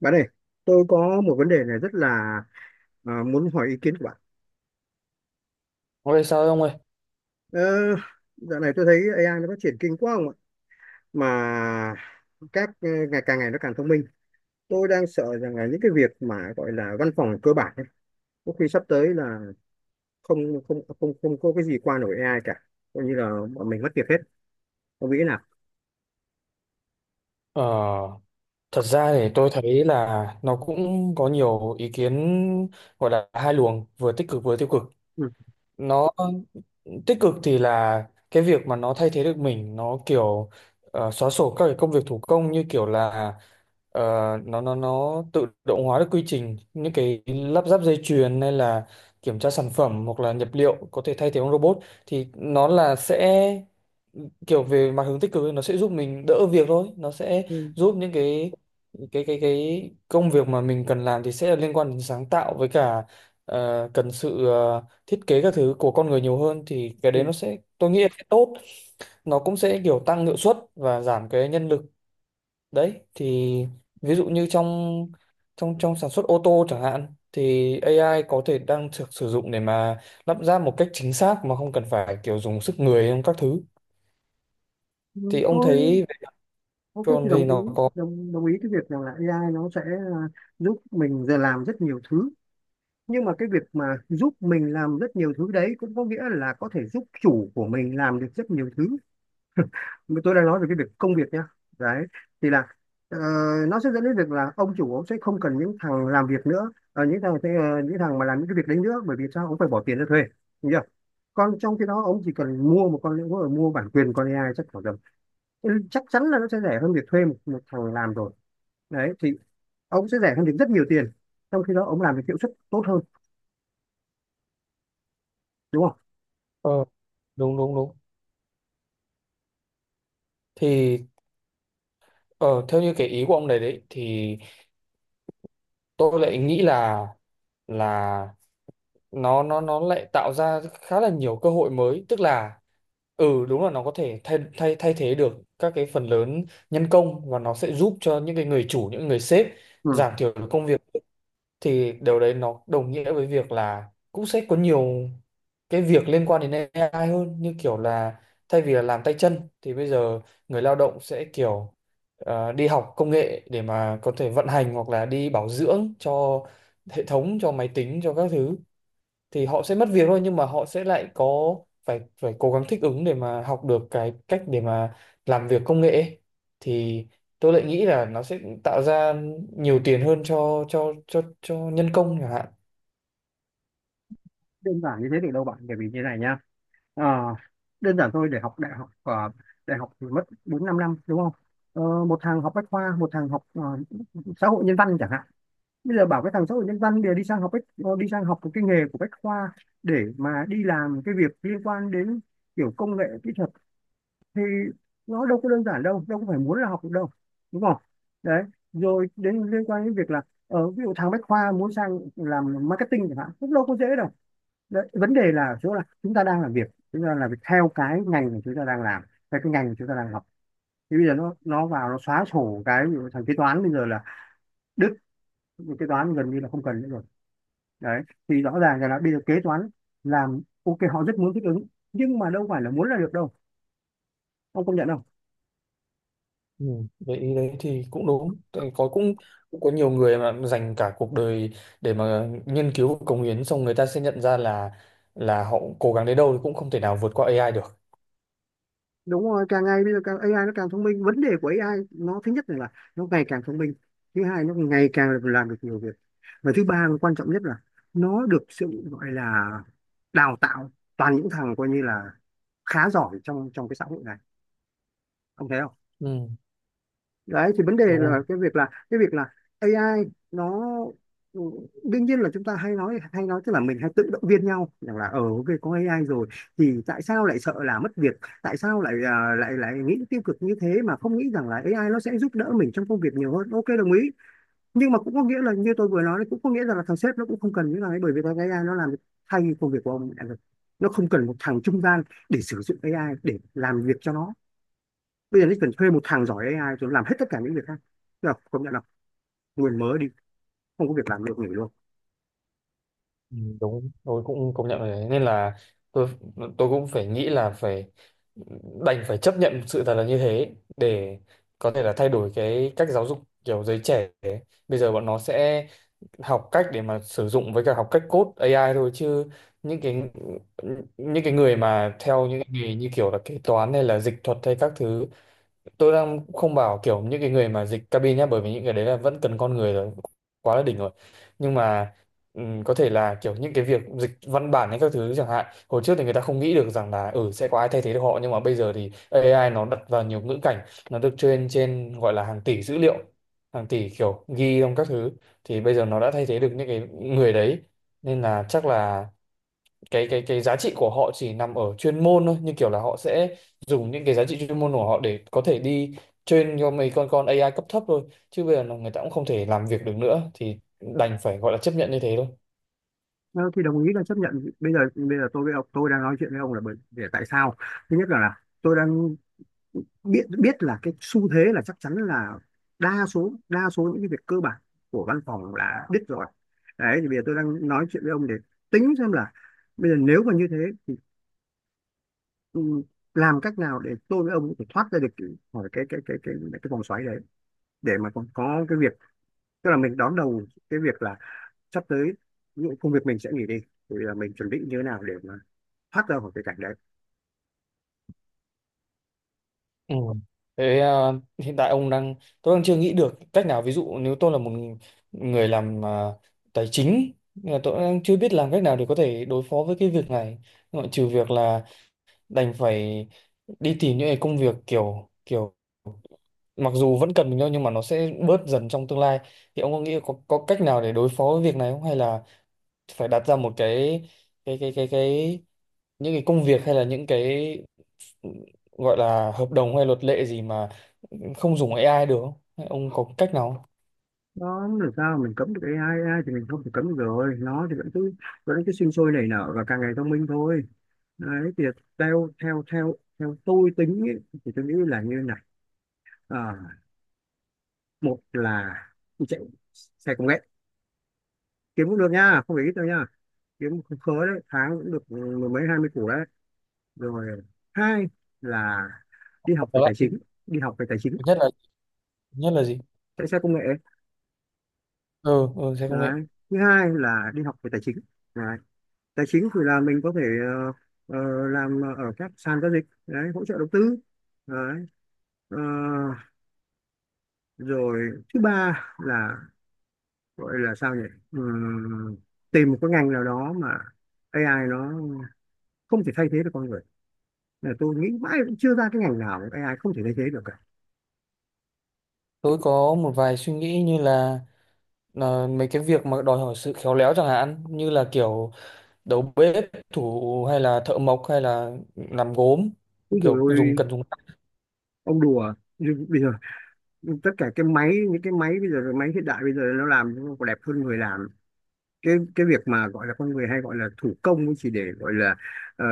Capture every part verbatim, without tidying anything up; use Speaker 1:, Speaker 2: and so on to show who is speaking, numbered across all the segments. Speaker 1: Bạn ơi, tôi có một vấn đề này rất là à, muốn hỏi ý kiến của bạn.
Speaker 2: Ôi sao ông ơi?
Speaker 1: Ờ, dạo này tôi thấy a i nó phát triển kinh quá không ạ? Mà các ờ, ngày càng ngày nó càng thông minh. Tôi đang sợ rằng là những cái việc mà gọi là văn phòng cơ bản ấy, có khi sắp tới là không không không không có cái gì qua nổi a i cả. Coi như là bọn mình mất việc hết. Ông nghĩ thế nào?
Speaker 2: Ờ, Thật ra thì tôi thấy là nó cũng có nhiều ý kiến gọi là hai luồng, vừa tích cực vừa tiêu cực.
Speaker 1: Ừ.
Speaker 2: Nó tích cực thì là cái việc mà nó thay thế được mình, nó kiểu ờ, xóa sổ các cái công việc thủ công như kiểu là Ờ, nó nó nó tự động hóa được quy trình những cái lắp ráp dây chuyền hay là kiểm tra sản phẩm hoặc là nhập liệu có thể thay thế bằng robot, thì nó là sẽ kiểu về mặt hướng tích cực ấy, nó sẽ giúp mình đỡ việc thôi, nó sẽ
Speaker 1: Ừ.
Speaker 2: giúp những cái cái cái cái công việc mà mình cần làm thì sẽ liên quan đến sáng tạo với cả ờ, cần sự ờ, thiết kế các thứ của con người nhiều hơn, thì cái đấy
Speaker 1: Ừ.
Speaker 2: nó sẽ tôi nghĩ là sẽ tốt. Nó cũng sẽ kiểu tăng hiệu suất và giảm cái nhân lực đấy. Thì ví dụ như trong trong trong sản xuất ô tô chẳng hạn thì ây ai có thể đang được sử dụng để mà lắp ráp một cách chính xác mà không cần phải kiểu dùng sức người trong các thứ,
Speaker 1: Ừ,
Speaker 2: thì ông
Speaker 1: tôi
Speaker 2: thấy
Speaker 1: ok
Speaker 2: còn
Speaker 1: thì
Speaker 2: thì
Speaker 1: đồng ý,
Speaker 2: nó có
Speaker 1: đồng đồng ý cái việc rằng là ây ai nó sẽ à, giúp mình giờ làm rất nhiều thứ, nhưng mà cái việc mà giúp mình làm rất nhiều thứ đấy cũng có nghĩa là có thể giúp chủ của mình làm được rất nhiều thứ, mà tôi đang nói về cái việc công việc nha. Đấy thì là, ờ, nó sẽ dẫn đến việc là ông chủ ông sẽ không cần những thằng làm việc nữa, ờ, những thằng sẽ- ờ, những thằng mà làm những cái việc đấy nữa, bởi vì sao ông phải bỏ tiền ra thuê? Đúng chưa? Còn trong khi đó ông chỉ cần mua một con, mua bản quyền con ây ai chắc khoảng tầm ừ, chắc chắn là nó sẽ rẻ hơn việc thuê một, một thằng làm rồi. Đấy thì ông sẽ rẻ hơn được rất nhiều tiền, trong khi đó ông làm được hiệu suất tốt hơn, đúng không?
Speaker 2: ờ, đúng đúng đúng. Thì ờ, theo như cái ý của ông này đấy thì tôi lại nghĩ là là nó nó nó lại tạo ra khá là nhiều cơ hội mới, tức là ừ đúng là nó có thể thay thay thay thế được các cái phần lớn nhân công, và nó sẽ giúp cho những cái người chủ, những người sếp
Speaker 1: Ừ.
Speaker 2: giảm thiểu được công việc. Thì điều đấy nó đồng nghĩa với việc là cũng sẽ có nhiều cái việc liên quan đến ây ai hơn, như kiểu là thay vì là làm tay chân thì bây giờ người lao động sẽ kiểu ờ, đi học công nghệ để mà có thể vận hành hoặc là đi bảo dưỡng cho hệ thống, cho máy tính, cho các thứ. Thì họ sẽ mất việc thôi, nhưng mà họ sẽ lại có phải phải cố gắng thích ứng để mà học được cái cách để mà làm việc công nghệ ấy. Thì tôi lại nghĩ là nó sẽ tạo ra nhiều tiền hơn cho cho cho cho nhân công chẳng hạn.
Speaker 1: Đơn giản như thế được đâu bạn, bởi vì như này nhá. Ờ, đơn giản thôi, để học đại học ờ, đại học thì mất bốn năm năm, đúng không? Ờ, một thằng học bách khoa, một thằng học ờ, xã hội nhân văn chẳng hạn, bây giờ bảo cái thằng xã hội nhân văn để đi sang học bách ờ, đi sang học một cái nghề của bách khoa để mà đi làm cái việc liên quan đến kiểu công nghệ kỹ thuật, thì nó đâu có đơn giản đâu, đâu có phải muốn là học được đâu, đúng không? Đấy. Rồi đến liên quan đến việc là ở ví dụ thằng bách khoa muốn sang làm marketing chẳng hạn cũng đâu có dễ đâu. Đấy, vấn đề là ở chỗ là chúng ta đang làm việc, chúng ta làm việc theo cái ngành mà chúng ta đang làm, theo cái ngành mà chúng ta đang học. Thì bây giờ nó nó vào nó xóa sổ cái ví dụ thằng kế toán bây giờ là đứt, kế toán gần như là không cần nữa rồi. Đấy thì rõ ràng là bây giờ kế toán làm ok, họ rất muốn thích ứng nhưng mà đâu phải là muốn là được đâu, ông công nhận không?
Speaker 2: Ừ, vậy ý đấy thì cũng đúng. Tại có cũng cũng có nhiều người mà dành cả cuộc đời để mà nghiên cứu và cống hiến, xong người ta sẽ nhận ra là là họ cố gắng đến đâu thì cũng không thể nào vượt qua ây ai được.
Speaker 1: Đúng rồi, càng ngày bây giờ càng a i nó càng thông minh. Vấn đề của a i nó thứ nhất là nó ngày càng thông minh, thứ hai nó ngày càng làm được nhiều việc, và thứ ba quan trọng nhất là nó được sự gọi là đào tạo toàn những thằng coi như là khá giỏi trong trong cái xã hội này, ông thấy không?
Speaker 2: Ừ,
Speaker 1: Đấy thì vấn đề
Speaker 2: đúng rồi.
Speaker 1: là cái việc là cái việc là a i nó ừ, đương nhiên là chúng ta hay nói hay nói tức là mình hay tự động viên nhau rằng là ờ ok có ây ai rồi thì tại sao lại sợ là mất việc, tại sao lại à, lại lại nghĩ tiêu cực như thế mà không nghĩ rằng là a i nó sẽ giúp đỡ mình trong công việc nhiều hơn, ok đồng ý. Nhưng mà cũng có nghĩa là như tôi vừa nói đấy, cũng có nghĩa rằng là thằng sếp nó cũng không cần những thằng ấy, bởi vì thằng ây ai nó làm thay công việc của ông đã được. Nó không cần một thằng trung gian để sử dụng a i để làm việc cho nó, bây giờ nó cần thuê một thằng giỏi ây ai rồi làm hết tất cả những việc khác, được công nhận là nguồn mới đi, không có việc làm được nghỉ luôn.
Speaker 2: Ừ, đúng, tôi cũng công nhận rồi đấy, nên là tôi tôi cũng phải nghĩ là phải đành phải chấp nhận sự thật là như thế để có thể là thay đổi cái cách giáo dục kiểu giới trẻ ấy. Bây giờ bọn nó sẽ học cách để mà sử dụng với cả học cách code ây ai thôi, chứ những cái những cái người mà theo những cái nghề như kiểu là kế toán hay là dịch thuật hay các thứ, tôi đang không bảo kiểu những cái người mà dịch cabin nhá, bởi vì những cái đấy là vẫn cần con người rồi, quá là đỉnh rồi. Nhưng mà ừm, có thể là kiểu những cái việc dịch văn bản hay các thứ chẳng hạn, hồi trước thì người ta không nghĩ được rằng là ừ sẽ có ai thay thế được họ, nhưng mà bây giờ thì ây ai nó đặt vào nhiều ngữ cảnh, nó được train trên gọi là hàng tỷ dữ liệu, hàng tỷ kiểu ghi trong các thứ, thì bây giờ nó đã thay thế được những cái người đấy. Nên là chắc là cái cái cái giá trị của họ chỉ nằm ở chuyên môn thôi, như kiểu là họ sẽ dùng những cái giá trị chuyên môn của họ để có thể đi train cho mấy con con ây ai cấp thấp thôi, chứ bây giờ là người ta cũng không thể làm việc được nữa thì đành phải gọi là chấp nhận như thế thôi.
Speaker 1: Ờ, thì đồng ý là chấp nhận. Bây giờ bây giờ tôi với ông, tôi đang nói chuyện với ông là bởi để tại sao? Thứ nhất là, là tôi đang biết biết là cái xu thế là chắc chắn là đa số, đa số những cái việc cơ bản của văn phòng là biết rồi. Đấy thì bây giờ tôi đang nói chuyện với ông để tính xem là bây giờ nếu mà như thế thì ừ, làm cách nào để tôi với ông có thể thoát ra được cái- khỏi cái cái cái cái cái vòng xoáy đấy để mà còn có cái việc, tức là mình đón đầu cái việc là sắp tới những công việc mình sẽ nghỉ đi thì là mình chuẩn bị như thế nào để mà thoát ra khỏi cái cảnh đấy.
Speaker 2: Ừ. Thế à, hiện tại ông đang tôi đang chưa nghĩ được cách nào. Ví dụ nếu tôi là một người làm à, tài chính, à, tôi đang chưa biết làm cách nào để có thể đối phó với cái việc này, ngoại trừ việc là đành phải đi tìm những cái công việc kiểu kiểu mặc dù vẫn cần mình thôi nhưng mà nó sẽ bớt dần trong tương lai. Thì ông có nghĩ có có cách nào để đối phó với việc này không, hay là phải đặt ra một cái cái cái cái cái những cái công việc hay là những cái gọi là hợp đồng hay luật lệ gì mà không dùng ây ai được không? Hay ông có cách nào không?
Speaker 1: Nó làm sao mà mình cấm được a i? a i thì mình không thể cấm được rồi, nó thì vẫn cứ vẫn cứ sinh sôi nảy nở và càng ngày thông minh thôi. Đấy thì theo theo theo theo tôi tính ấy, thì tôi nghĩ là như này. Ờ, một là chạy xe công nghệ, kiếm cũng được nha, không phải ít đâu nha, kiếm không khớ đấy, tháng cũng được mười mấy hai mươi củ đấy. Rồi hai là đi học
Speaker 2: Có
Speaker 1: về
Speaker 2: lại
Speaker 1: tài chính. Đi học về tài chính.
Speaker 2: nhất là nhất là gì?
Speaker 1: Chạy xe công nghệ.
Speaker 2: Ừ, ừ sẽ công nghệ.
Speaker 1: Đấy thứ hai là đi học về tài chính. Đấy, tài chính thì là mình có thể ờ, ờ, làm ở các sàn giao dịch đấy, hỗ trợ đầu tư. Đấy. Ờ, rồi thứ ba là gọi là sao nhỉ? Ừm, tìm một cái ngành nào đó mà a i nó không thể thay thế được con người, là tôi nghĩ mãi cũng chưa ra cái ngành nào mà a i không thể thay thế được cả.
Speaker 2: Tôi có một vài suy nghĩ như là là mấy cái việc mà đòi hỏi sự khéo léo chẳng hạn như là kiểu đầu bếp, thủ hay là thợ mộc hay là làm gốm,
Speaker 1: Úi dồi
Speaker 2: kiểu
Speaker 1: ôi,
Speaker 2: dùng cần dùng
Speaker 1: ông đùa. Nhưng bây giờ tất cả cái máy, những cái máy bây giờ, cái máy hiện đại bây giờ nó làm nó còn đẹp hơn người làm. cái cái việc mà gọi là con người hay gọi là thủ công ấy chỉ để gọi là ờ,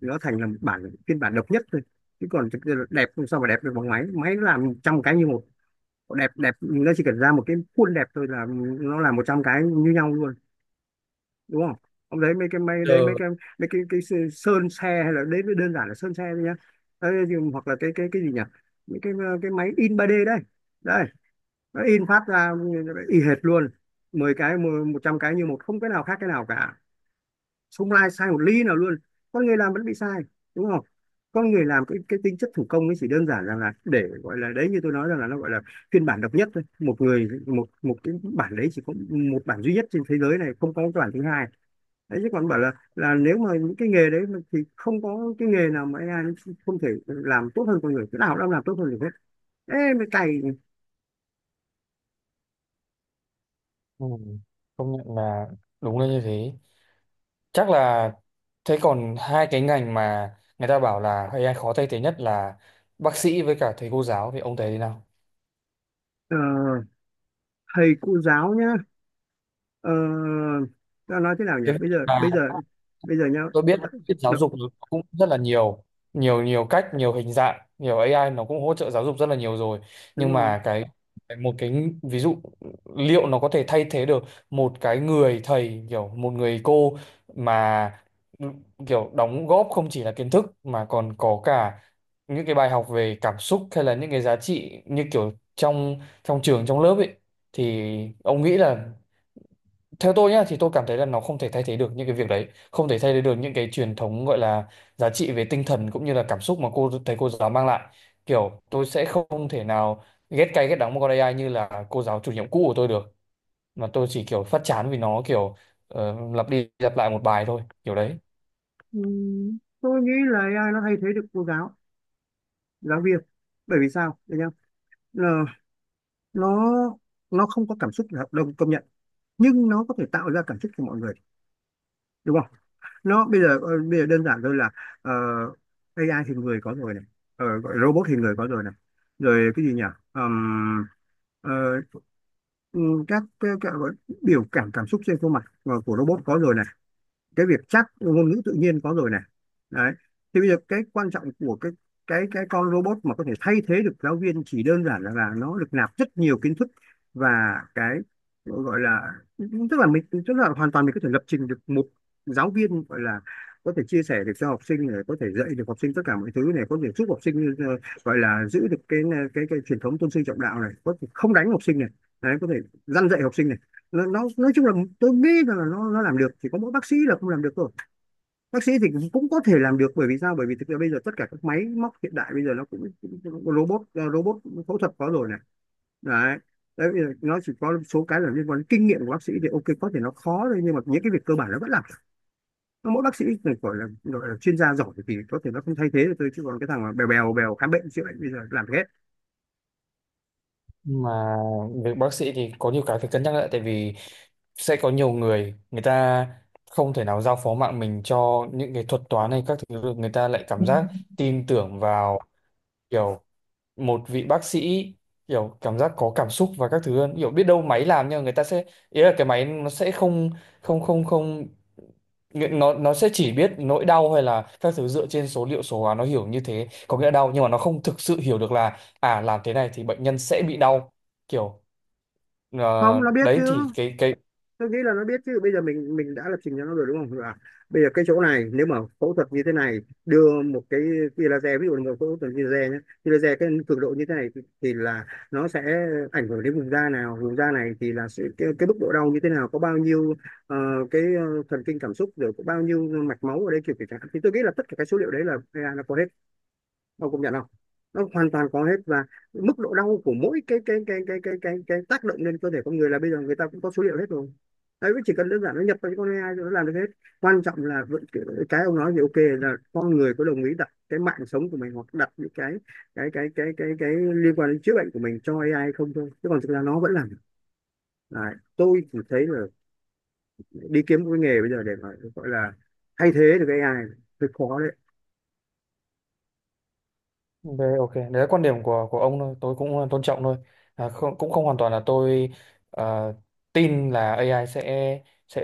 Speaker 1: nó thành là một bản phiên bản độc nhất thôi, chứ còn thực ra là đẹp không sao mà đẹp được bằng máy, máy nó làm trăm cái như một. Đẹp đẹp nó chỉ cần ra một cái khuôn đẹp thôi là nó làm một trăm cái như nhau luôn, đúng không? Ông đấy mấy cái máy đấy, mấy
Speaker 2: giờ.
Speaker 1: cái, mấy cái cái sơ- sơn xe hay là đấy mới đơn giản là sơn xe thôi nhá. Đấy, thì- hoặc là cái cái cái gì nhỉ? Mấy cái ờ, cái máy in ba đê đây, đây nó in phát ra y hệt luôn. Mười cái một trăm cái như một, không cái nào khác cái nào cả, không ai sai một ly nào luôn. Con người làm vẫn bị sai, đúng không? Con người làm cái cái tính chất thủ công ấy chỉ đơn giản rằng là để gọi là đấy, như tôi nói rằng là nó gọi là phiên bản độc nhất thôi, một người một, một cái bản đấy chỉ có một bản duy nhất trên thế giới này, không có cái bản thứ hai. Đấy chứ còn bảo là là nếu mà những cái nghề đấy mà thì không có cái nghề nào mà a i nó không thể làm tốt hơn con người, cái nào cũng làm tốt hơn được hết. Ê mấy cày.
Speaker 2: Ừ, công nhận là đúng là như thế. Chắc là thế còn hai cái ngành mà người ta bảo là ây ai khó thay thế nhất là bác sĩ với cả thầy cô giáo, thì ông thấy thế nào?
Speaker 1: ờ, thầy cô giáo nhá. ờ, ta nói thế nào nhỉ,
Speaker 2: Thế
Speaker 1: bây giờ
Speaker 2: à.
Speaker 1: bây giờ bây giờ nhá.
Speaker 2: Tôi biết biết giáo dục nó cũng rất là nhiều, nhiều nhiều cách, nhiều hình dạng, nhiều ây ai nó cũng hỗ trợ giáo dục rất là nhiều rồi.
Speaker 1: Đúng
Speaker 2: Nhưng
Speaker 1: rồi.
Speaker 2: mà cái cái một cái ví dụ liệu nó có thể thay thế được một cái người thầy kiểu một người cô mà kiểu đóng góp không chỉ là kiến thức mà còn có cả những cái bài học về cảm xúc hay là những cái giá trị như kiểu trong trong trường trong lớp ấy, thì ông nghĩ là theo tôi nhá thì tôi cảm thấy là nó không thể thay thế được những cái việc đấy, không thể thay thế được những cái truyền thống gọi là giá trị về tinh thần cũng như là cảm xúc mà cô thầy cô giáo mang lại. Kiểu tôi sẽ không thể nào ghét cay ghét đắng một con ây ai như là cô giáo chủ nhiệm cũ của tôi được, mà tôi chỉ kiểu phát chán vì nó kiểu ờ, lặp đi lặp lại một bài thôi kiểu đấy.
Speaker 1: Ừ, tôi nghĩ là a i nó thay thế được cô giáo giáo viên, bởi vì sao để nhá. Ờ, nó nó không có cảm xúc là đồng công nhận, nhưng nó có thể tạo ra cảm xúc cho mọi người, đúng không? Nó bây giờ ờ, bây giờ đơn giản thôi là ờ, a i thì người có rồi này, ờ, gọi robot thì người có rồi này. Rồi cái gì nhỉ? Ờm, ờ, ừ, các, các, các gọi- biểu cảm cảm xúc trên khuôn mặt ờ, của robot có rồi này. Cái việc chắc ngôn ngữ tự nhiên có rồi này. Đấy thì bây giờ cái quan trọng của cái cái cái con robot mà có thể thay thế được giáo viên chỉ đơn giản là, là nó được nạp rất nhiều kiến thức, và cái gọi là tức là mình, tức là hoàn toàn mình có thể lập trình được một giáo viên gọi là có thể chia sẻ được cho học sinh này, có thể dạy được học sinh tất cả mọi thứ này, có thể giúp học sinh ờ, gọi là giữ được cái cái cái truyền thống tôn sư trọng đạo này, có thể không đánh học sinh này. Đấy có thể răn dạy học sinh này. nó, nó nói chung là tôi nghĩ rằng là nó nó làm được, chỉ có mỗi bác sĩ là không làm được thôi. Bác sĩ thì cũng, cũng có thể làm được, bởi vì sao, bởi vì thực ra bây giờ tất cả các máy móc hiện đại bây giờ nó cũng, cũng robot ờ, robot phẫu thuật có rồi này. Đấy. Đấy. Nó chỉ có số cái là liên quan đến kinh nghiệm của bác sĩ thì ok có thể nó khó thôi, nhưng mà những cái việc cơ bản nó vẫn làm. Mỗi bác sĩ này gọi là gọi là chuyên gia giỏi thì có thể nó không thay thế được tôi, chứ còn cái thằng mà bèo bèo bèo khám bệnh chữa bệnh bây giờ làm được hết.
Speaker 2: Mà việc bác sĩ thì có nhiều cái phải cân nhắc lại, tại vì sẽ có nhiều người người ta không thể nào giao phó mạng mình cho những cái thuật toán hay các thứ được, người ta lại cảm giác tin tưởng vào kiểu một vị bác sĩ kiểu cảm giác có cảm xúc và các thứ hơn, kiểu biết đâu máy làm nhưng mà người ta sẽ ý là cái máy nó sẽ không không không không nghĩa- nó nó sẽ chỉ biết nỗi đau hay là các thứ dựa trên số liệu số hóa, nó hiểu như thế có nghĩa là đau, nhưng mà nó không thực sự hiểu được là à làm thế này thì bệnh nhân sẽ bị đau, kiểu
Speaker 1: Không,
Speaker 2: ờ,
Speaker 1: nó biết
Speaker 2: đấy thì
Speaker 1: chứ,
Speaker 2: cái cái
Speaker 1: tôi nghĩ là nó biết chứ. Bây giờ mình mình đã lập trình cho nó rồi đúng không, là bây giờ cái chỗ này nếu mà phẫu thuật như thế này, đưa một cái tia laser, ví dụ là một phẫu thuật tia laser nhé, tia laser cái cường độ như thế này thì, thì là nó sẽ ảnh hưởng đến vùng da nào, vùng da này thì là sự, cái, cái mức độ đau như thế nào, có bao nhiêu ờ, cái ờ, thần kinh cảm xúc, rồi có bao nhiêu mạch máu ở đây kiểu kiểu chẳng hạn. Thì tôi nghĩ là tất cả cái số liệu đấy là ây ai nó có hết, ông công nhận không? Nó hoàn toàn có hết, và mức độ đau của mỗi cái cái cái cái cái cái, cái tác động lên cơ thể con người là bây giờ người ta cũng có số liệu hết rồi. Đấy chỉ cần đơn giản nó nhập vào cái con a i rồi nó làm được hết. Quan trọng là vẫn cái ông nói thì ok là con người có đồng ý đặt cái mạng sống của mình hoặc đặt những cái cái cái cái cái cái, liên quan đến chữa bệnh của mình cho a i không thôi, chứ còn thực ra nó vẫn làm được. Đấy. Tôi chỉ thấy là đi kiếm một cái nghề bây giờ để mà gọi là thay thế được cái ây ai hơi khó đấy.
Speaker 2: đấy, ok, đấy là quan điểm của của ông thôi, tôi cũng tôn trọng thôi. À, không, cũng không hoàn toàn là tôi ờ, tin là ây ai sẽ sẽ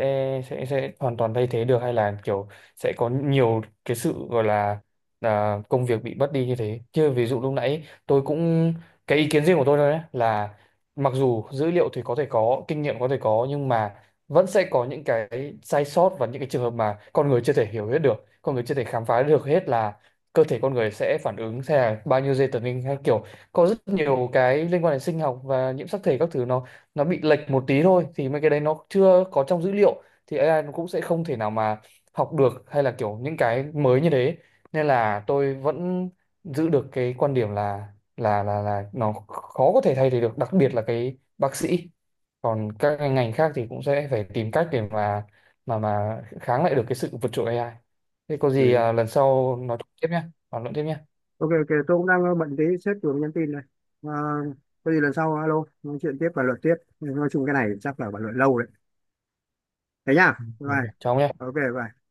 Speaker 2: sẽ sẽ hoàn toàn thay thế được hay là kiểu sẽ có nhiều cái sự gọi là à, công việc bị mất đi như thế. Chứ ví dụ lúc nãy tôi cũng cái ý kiến riêng của tôi thôi đấy là mặc dù dữ liệu thì có thể có, kinh nghiệm có thể có, nhưng mà vẫn sẽ có những cái sai sót và những cái trường hợp mà con người chưa thể hiểu hết được, con người chưa thể khám phá được hết là cơ thể con người sẽ phản ứng theo bao nhiêu dây tần linh hay kiểu có rất nhiều cái liên quan đến sinh học và nhiễm sắc thể các thứ, nó nó bị lệch một tí thôi thì mấy cái đấy nó chưa có trong dữ liệu thì ây ai nó cũng sẽ không thể nào mà học được hay là kiểu những cái mới như thế. Nên là tôi vẫn giữ được cái quan điểm là là là là nó khó có thể thay thế được, đặc biệt là cái bác sĩ. Còn các cái ngành khác thì cũng sẽ phải tìm cách để mà mà mà kháng lại được cái sự vượt trội ây ai. Thế có gì
Speaker 1: Ừ.
Speaker 2: à, lần sau nói tiếp nhé, bàn luận tiếp nhé.
Speaker 1: Ok ok, tôi cũng đang ờ, bận tí, sếp vừa nhắn tin này. À, có gì lần sau alo nói chuyện tiếp và luận tiếp. Nói chung cái này chắc là bàn luận lâu đấy. Thế nhá.
Speaker 2: Ừ,
Speaker 1: Bye.
Speaker 2: ok.
Speaker 1: Bye.
Speaker 2: Chào ông nhé.
Speaker 1: Ok bye.